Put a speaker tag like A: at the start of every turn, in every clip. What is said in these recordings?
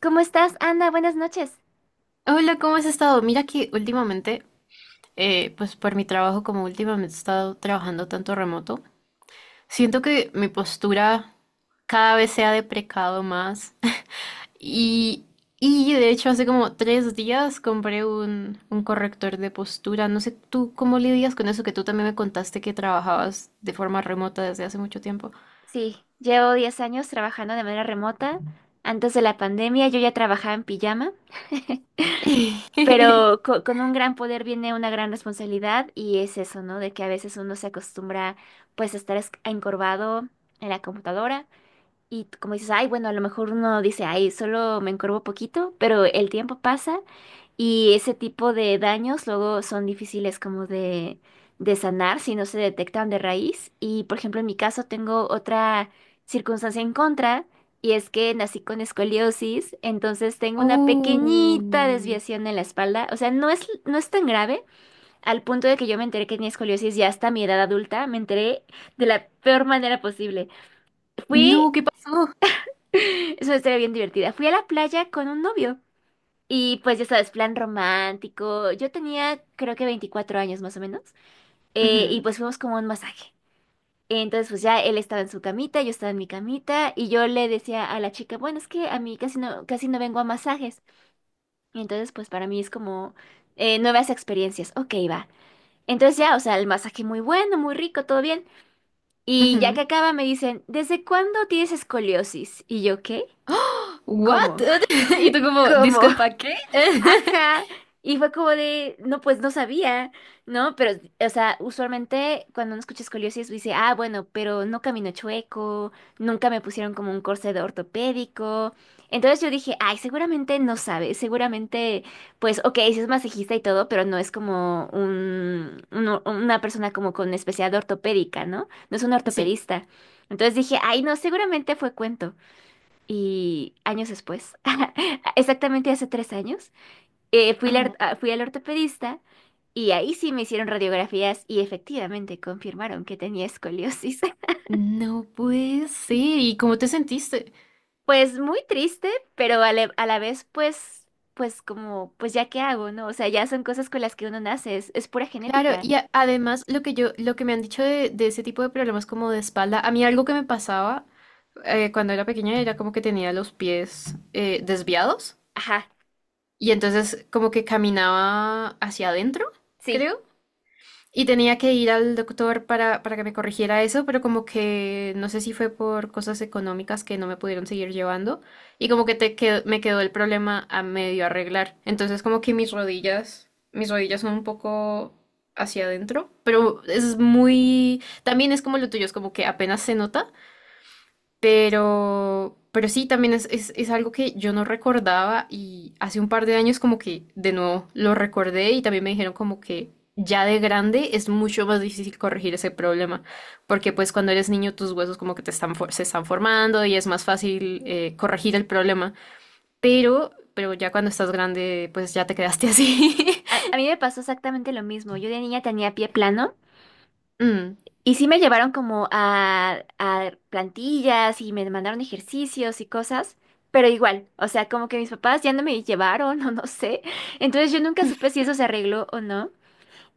A: ¿Cómo estás, Ana? Buenas noches.
B: Hola, ¿cómo has estado? Mira que últimamente, pues por mi trabajo, como últimamente he estado trabajando tanto remoto, siento que mi postura cada vez se ha deprecado más. Y, y de hecho hace como 3 días compré un corrector de postura. No sé, ¿tú cómo lidias con eso? Que tú también me contaste que trabajabas de forma remota desde hace mucho tiempo.
A: Sí, llevo 10 años trabajando de manera remota. Antes de la pandemia yo ya trabajaba en pijama, pero con un gran poder viene una gran responsabilidad y es eso, ¿no? De que a veces uno se acostumbra pues a estar encorvado en la computadora y como dices, ay, bueno, a lo mejor uno dice, ay, solo me encorvo poquito, pero el tiempo pasa. Y ese tipo de daños luego son difíciles como de sanar si no se detectan de raíz. Y por ejemplo, en mi caso tengo otra circunstancia en contra y es que nací con escoliosis, entonces tengo una
B: Oh,
A: pequeñita desviación en la espalda. O sea, no es tan grave al punto de que yo me enteré que tenía escoliosis ya hasta mi edad adulta. Me enteré de la peor manera posible. Fui,
B: no, ¿qué pasó?
A: es una historia bien divertida. Fui a la playa con un novio. Y pues ya sabes, plan romántico. Yo tenía creo que 24 años más o menos. Y
B: Ujú,
A: pues fuimos como a un masaje. Entonces pues ya él estaba en su camita, yo estaba en mi camita y yo le decía a la chica, bueno, es que a mí casi no vengo a masajes. Y entonces pues para mí es como nuevas experiencias. Ok, va. Entonces ya, o sea, el masaje muy bueno, muy rico, todo bien. Y ya que
B: ujú.
A: acaba me dicen, ¿desde cuándo tienes escoliosis? Y yo, ¿qué?
B: ¡Ah! ¿What?
A: ¿Cómo?
B: Y tú como,
A: ¿Cómo?
B: disculpa, ¿qué?
A: Ajá. Y fue como de, no, pues no sabía, ¿no? Pero, o sea, usualmente cuando uno escucha escoliosis dice, ah, bueno, pero no camino chueco, nunca me pusieron como un corset ortopédico. Entonces yo dije, ay, seguramente no sabe, seguramente, pues, ok, sí es masajista y todo, pero no es como una persona como con especialidad ortopédica, ¿no? No es un
B: Sí.
A: ortopedista. Entonces dije, ay, no, seguramente fue cuento. Y años después, exactamente hace 3 años. Fui,
B: Ajá.
A: fui al ortopedista y ahí sí me hicieron radiografías y efectivamente confirmaron que tenía escoliosis.
B: No puede ser. ¿Y cómo te sentiste?
A: Pues muy triste, pero a la vez pues, pues como, pues ya qué hago, ¿no? O sea, ya son cosas con las que uno nace, es pura
B: Claro,
A: genética.
B: y además lo que yo, lo que me han dicho de ese tipo de problemas como de espalda, a mí algo que me pasaba cuando era pequeña era como que tenía los pies desviados
A: Ajá,
B: y entonces como que caminaba hacia adentro,
A: sí.
B: creo. Y tenía que ir al doctor para que me corrigiera eso, pero como que no sé si fue por cosas económicas que no me pudieron seguir llevando y como que me quedó el problema a medio arreglar. Entonces como que mis rodillas son un poco hacia adentro, pero es muy, también es como lo tuyo, es como que apenas se nota pero sí, también es algo que yo no recordaba y hace un par de años como que de nuevo lo recordé y también me dijeron como que ya de grande es mucho más difícil corregir ese problema, porque pues cuando eres niño tus huesos como que se están formando y es más fácil corregir el problema, pero ya cuando estás grande pues ya te quedaste así.
A: A mí me pasó exactamente lo mismo. Yo de niña tenía pie plano.
B: Mm,
A: Y sí me llevaron como a plantillas y me mandaron ejercicios y cosas, pero igual, o sea, como que mis papás ya no me llevaron o no sé. Entonces yo nunca supe si eso se arregló o no.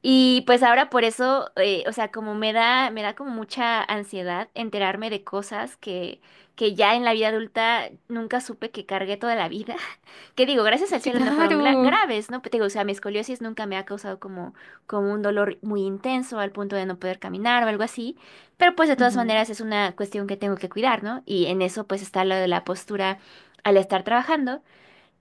A: Y pues ahora por eso, o sea, como me da como mucha ansiedad enterarme de cosas que ya en la vida adulta nunca supe que cargué toda la vida. Que digo, gracias al cielo no fueron
B: claro.
A: graves, ¿no? Pero te digo, o sea, mi escoliosis nunca me ha causado como, como un dolor muy intenso al punto de no poder caminar o algo así. Pero pues de todas
B: Ujú,
A: maneras es una cuestión que tengo que cuidar, ¿no? Y en eso pues está lo de la postura al estar trabajando.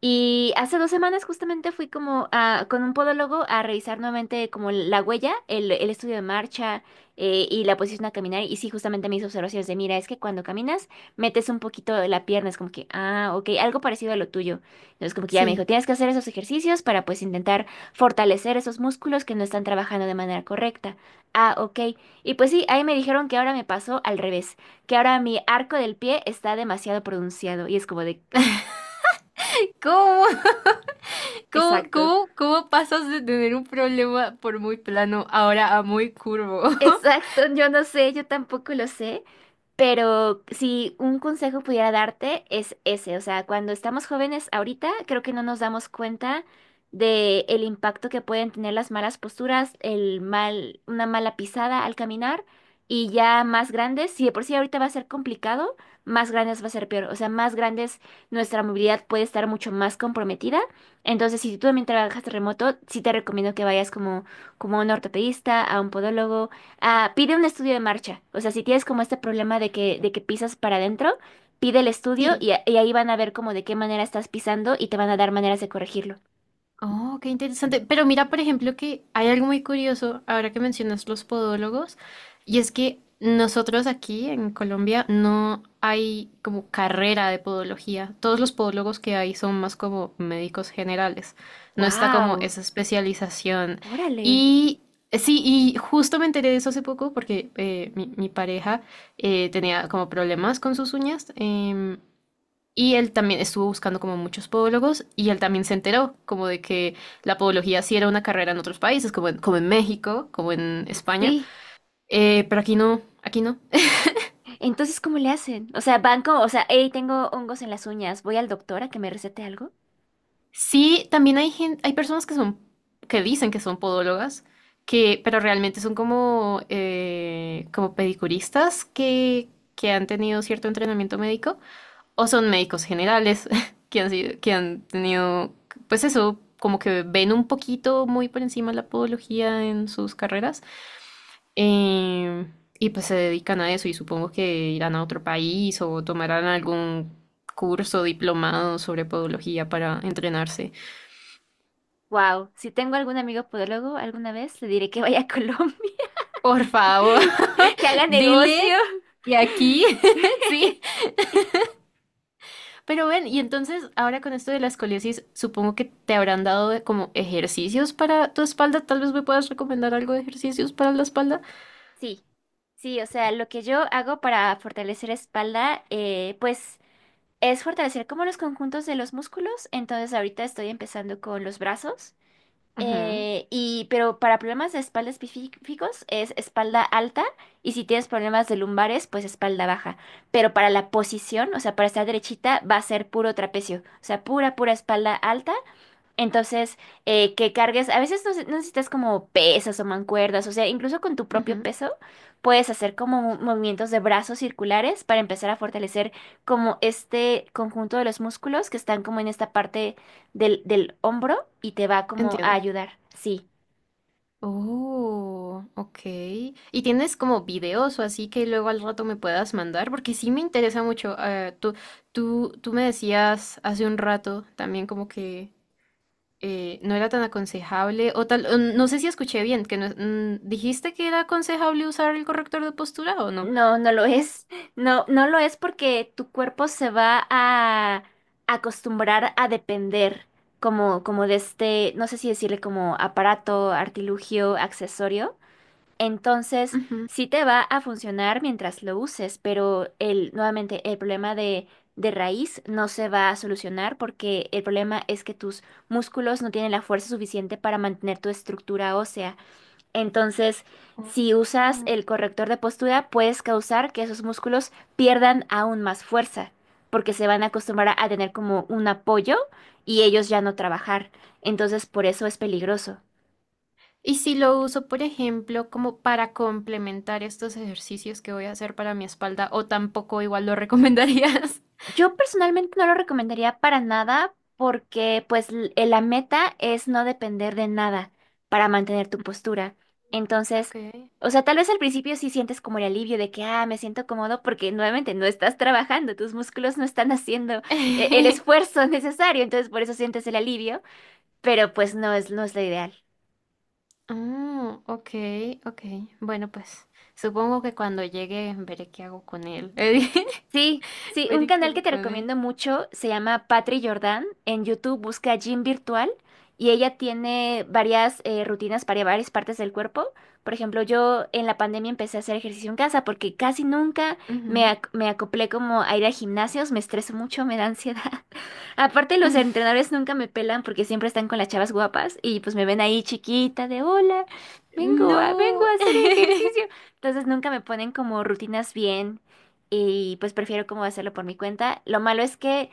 A: Y hace 2 semanas justamente fui como con un podólogo a revisar nuevamente como la huella, el estudio de marcha y la posición a caminar. Y sí, justamente mis observaciones de, mira, es que cuando caminas metes un poquito la pierna, es como que, ah, ok, algo parecido a lo tuyo. Entonces como que ya me dijo,
B: sí.
A: tienes que hacer esos ejercicios para pues intentar fortalecer esos músculos que no están trabajando de manera correcta. Ah, ok. Y pues sí, ahí me dijeron que ahora me pasó al revés, que ahora mi arco del pie está demasiado pronunciado y es como de,
B: ¿Cómo? ¿Cómo,
A: exacto.
B: cómo, cómo pasas de tener un problema por muy plano ahora a muy curvo?
A: Exacto, yo no sé, yo tampoco lo sé, pero si un consejo pudiera darte es ese, o sea, cuando estamos jóvenes ahorita, creo que no nos damos cuenta de el impacto que pueden tener las malas posturas, el mal, una mala pisada al caminar y ya más grandes, si de por sí ahorita va a ser complicado, más grandes va a ser peor, o sea, más grandes nuestra movilidad puede estar mucho más comprometida. Entonces, si tú también trabajas remoto, sí te recomiendo que vayas como a un ortopedista, a un podólogo. Ah, pide un estudio de marcha. O sea, si tienes como este problema de que pisas para adentro, pide el estudio
B: Sí,
A: y, y ahí van a ver como de qué manera estás pisando y te van a dar maneras de corregirlo.
B: oh, qué interesante. Pero mira, por ejemplo, que hay algo muy curioso ahora que mencionas los podólogos, y es que nosotros aquí en Colombia no hay como carrera de podología. Todos los podólogos que hay son más como médicos generales. No está como
A: ¡Wow!
B: esa especialización.
A: ¡Órale!
B: Y sí, y justo me enteré de eso hace poco porque mi pareja tenía como problemas con sus uñas. Y él también estuvo buscando como muchos podólogos y él también se enteró como de que la podología sí era una carrera en otros países, como en, como en México, como en España,
A: Sí.
B: pero aquí no, aquí no.
A: Entonces, ¿cómo le hacen? O sea, van como, o sea, hey, tengo hongos en las uñas, voy al doctor a que me recete algo.
B: Sí, también hay hay personas que son, que dicen que son podólogas, que, pero realmente son como, como pedicuristas que han tenido cierto entrenamiento médico o son médicos generales que han sido, que han tenido, pues eso, como que ven un poquito muy por encima la podología en sus carreras. eh, y pues se dedican a eso y supongo que irán a otro país o tomarán algún curso diplomado sobre podología para entrenarse.
A: Wow, si tengo algún amigo podólogo alguna vez, le diré que vaya a Colombia,
B: Por favor,
A: que haga negocio.
B: dile que aquí, sí, pero ven, y entonces ahora con esto de la escoliosis, supongo que te habrán dado como ejercicios para tu espalda. Tal vez me puedas recomendar algo de ejercicios para la espalda.
A: Sí, sí, o sea, lo que yo hago para fortalecer espalda, pues es fortalecer como los conjuntos de los músculos. Entonces ahorita estoy empezando con los brazos.
B: Ujú,
A: Pero para problemas de espalda específicos es espalda alta y si tienes problemas de lumbares, pues espalda baja. Pero para la posición, o sea, para estar derechita, va a ser puro trapecio. O sea, pura espalda alta entonces, que cargues, a veces no, no necesitas como pesas o mancuerdas, o sea, incluso con tu propio
B: ujú,
A: peso puedes hacer como movimientos de brazos circulares para empezar a fortalecer como este conjunto de los músculos que están como en esta parte del hombro y te va como a
B: entiendo.
A: ayudar. Sí,
B: Oh, ok. ¿Y tienes como videos o así que luego al rato me puedas mandar? Porque sí me interesa mucho. Tú me decías hace un rato también como que no era tan aconsejable o tal. O no sé si escuché bien, que dijiste que era aconsejable usar el corrector de postura o no.
A: no, no lo es, no, no lo es porque tu cuerpo se va a acostumbrar a depender como de este, no sé si decirle como aparato, artilugio, accesorio. Entonces,
B: Ujú.
A: sí te va a funcionar mientras lo uses, pero el, nuevamente, el problema de raíz no se va a solucionar porque el problema es que tus músculos no tienen la fuerza suficiente para mantener tu estructura ósea. Entonces, si usas
B: Mm,
A: el corrector de postura, puedes causar que esos músculos pierdan aún más fuerza, porque se van a acostumbrar a tener como un apoyo y ellos ya no trabajar. Entonces, por eso es peligroso.
B: y si lo uso, por ejemplo, como para complementar estos ejercicios que voy a hacer para mi espalda, o tampoco igual lo recomendarías.
A: Yo personalmente no lo recomendaría para nada porque pues la meta es no depender de nada para mantener tu postura. Entonces,
B: Ok.
A: o sea, tal vez al principio sí sientes como el alivio de que, ah, me siento cómodo porque nuevamente no estás trabajando, tus músculos no están haciendo el esfuerzo necesario, entonces por eso sientes el alivio, pero pues no es lo ideal.
B: Ah, ok, ok. Bueno, pues supongo que cuando llegue veré qué hago con él.
A: Sí, sí, un
B: Veré qué
A: canal que
B: hago
A: te
B: con él.
A: recomiendo mucho se llama Patri Jordan. En YouTube busca Gym Virtual y ella tiene varias rutinas para varias partes del cuerpo. Por ejemplo, yo en la pandemia empecé a hacer ejercicio en casa porque casi nunca
B: Ujú.
A: me acoplé como a ir a gimnasios, me estreso mucho, me da ansiedad. Aparte, los entrenadores nunca me pelan porque siempre están con las chavas guapas y pues me ven ahí chiquita de hola, vengo
B: No.
A: a hacer ejercicio. Entonces nunca me ponen como rutinas bien y pues prefiero como hacerlo por mi cuenta. Lo malo es que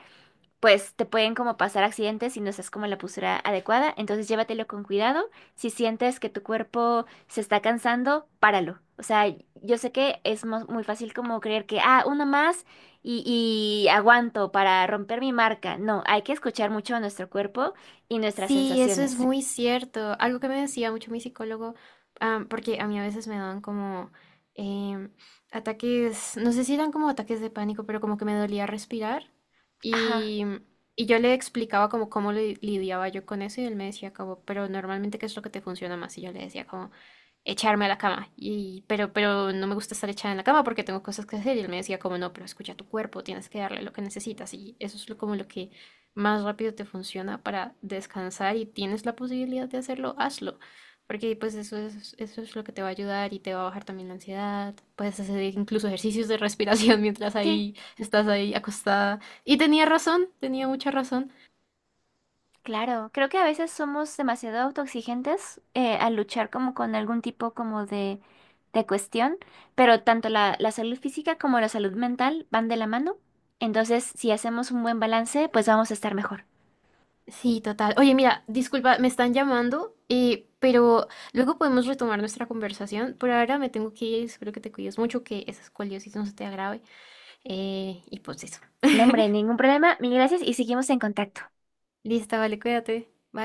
A: pues te pueden como pasar accidentes si no estás como en la postura adecuada. Entonces llévatelo con cuidado. Si sientes que tu cuerpo se está cansando, páralo. O sea, yo sé que es muy fácil como creer que, ah, una más y aguanto para romper mi marca. No, hay que escuchar mucho a nuestro cuerpo y nuestras
B: Sí, eso es
A: sensaciones.
B: muy cierto. Algo que me decía mucho mi psicólogo, porque a mí a veces me daban como em, ataques, no sé si eran como ataques de pánico, pero como que me dolía respirar.
A: Ajá,
B: Y, y yo le explicaba como cómo lidiaba yo con eso y él me decía como, pero normalmente ¿qué es lo que te funciona más? Y yo le decía como, echarme a la cama. Y, pero no me gusta estar echada en la cama porque tengo cosas que hacer. Y él me decía como, no, pero escucha tu cuerpo, tienes que darle lo que necesitas. Y eso es lo, como lo que más rápido te funciona para descansar y tienes la posibilidad de hacerlo, hazlo. Porque pues eso es lo que te va a ayudar y te va a bajar también la ansiedad. Puedes hacer incluso ejercicios de respiración mientras
A: sí.
B: ahí estás ahí acostada. Y tenía razón, tenía mucha razón.
A: Claro, creo que a veces somos demasiado autoexigentes al luchar como con algún tipo como de cuestión, pero tanto la salud física como la salud mental van de la mano, entonces si hacemos un buen balance, pues vamos a estar mejor.
B: Sí, total. Oye, mira, disculpa, me están llamando, pero luego podemos retomar nuestra conversación. Por ahora me tengo que ir, espero que te cuides mucho, que esa escoliosis no se te agrave. Y pues eso.
A: No, hombre, ningún problema, mil gracias y seguimos en contacto.
B: Listo, vale, cuídate. Bye.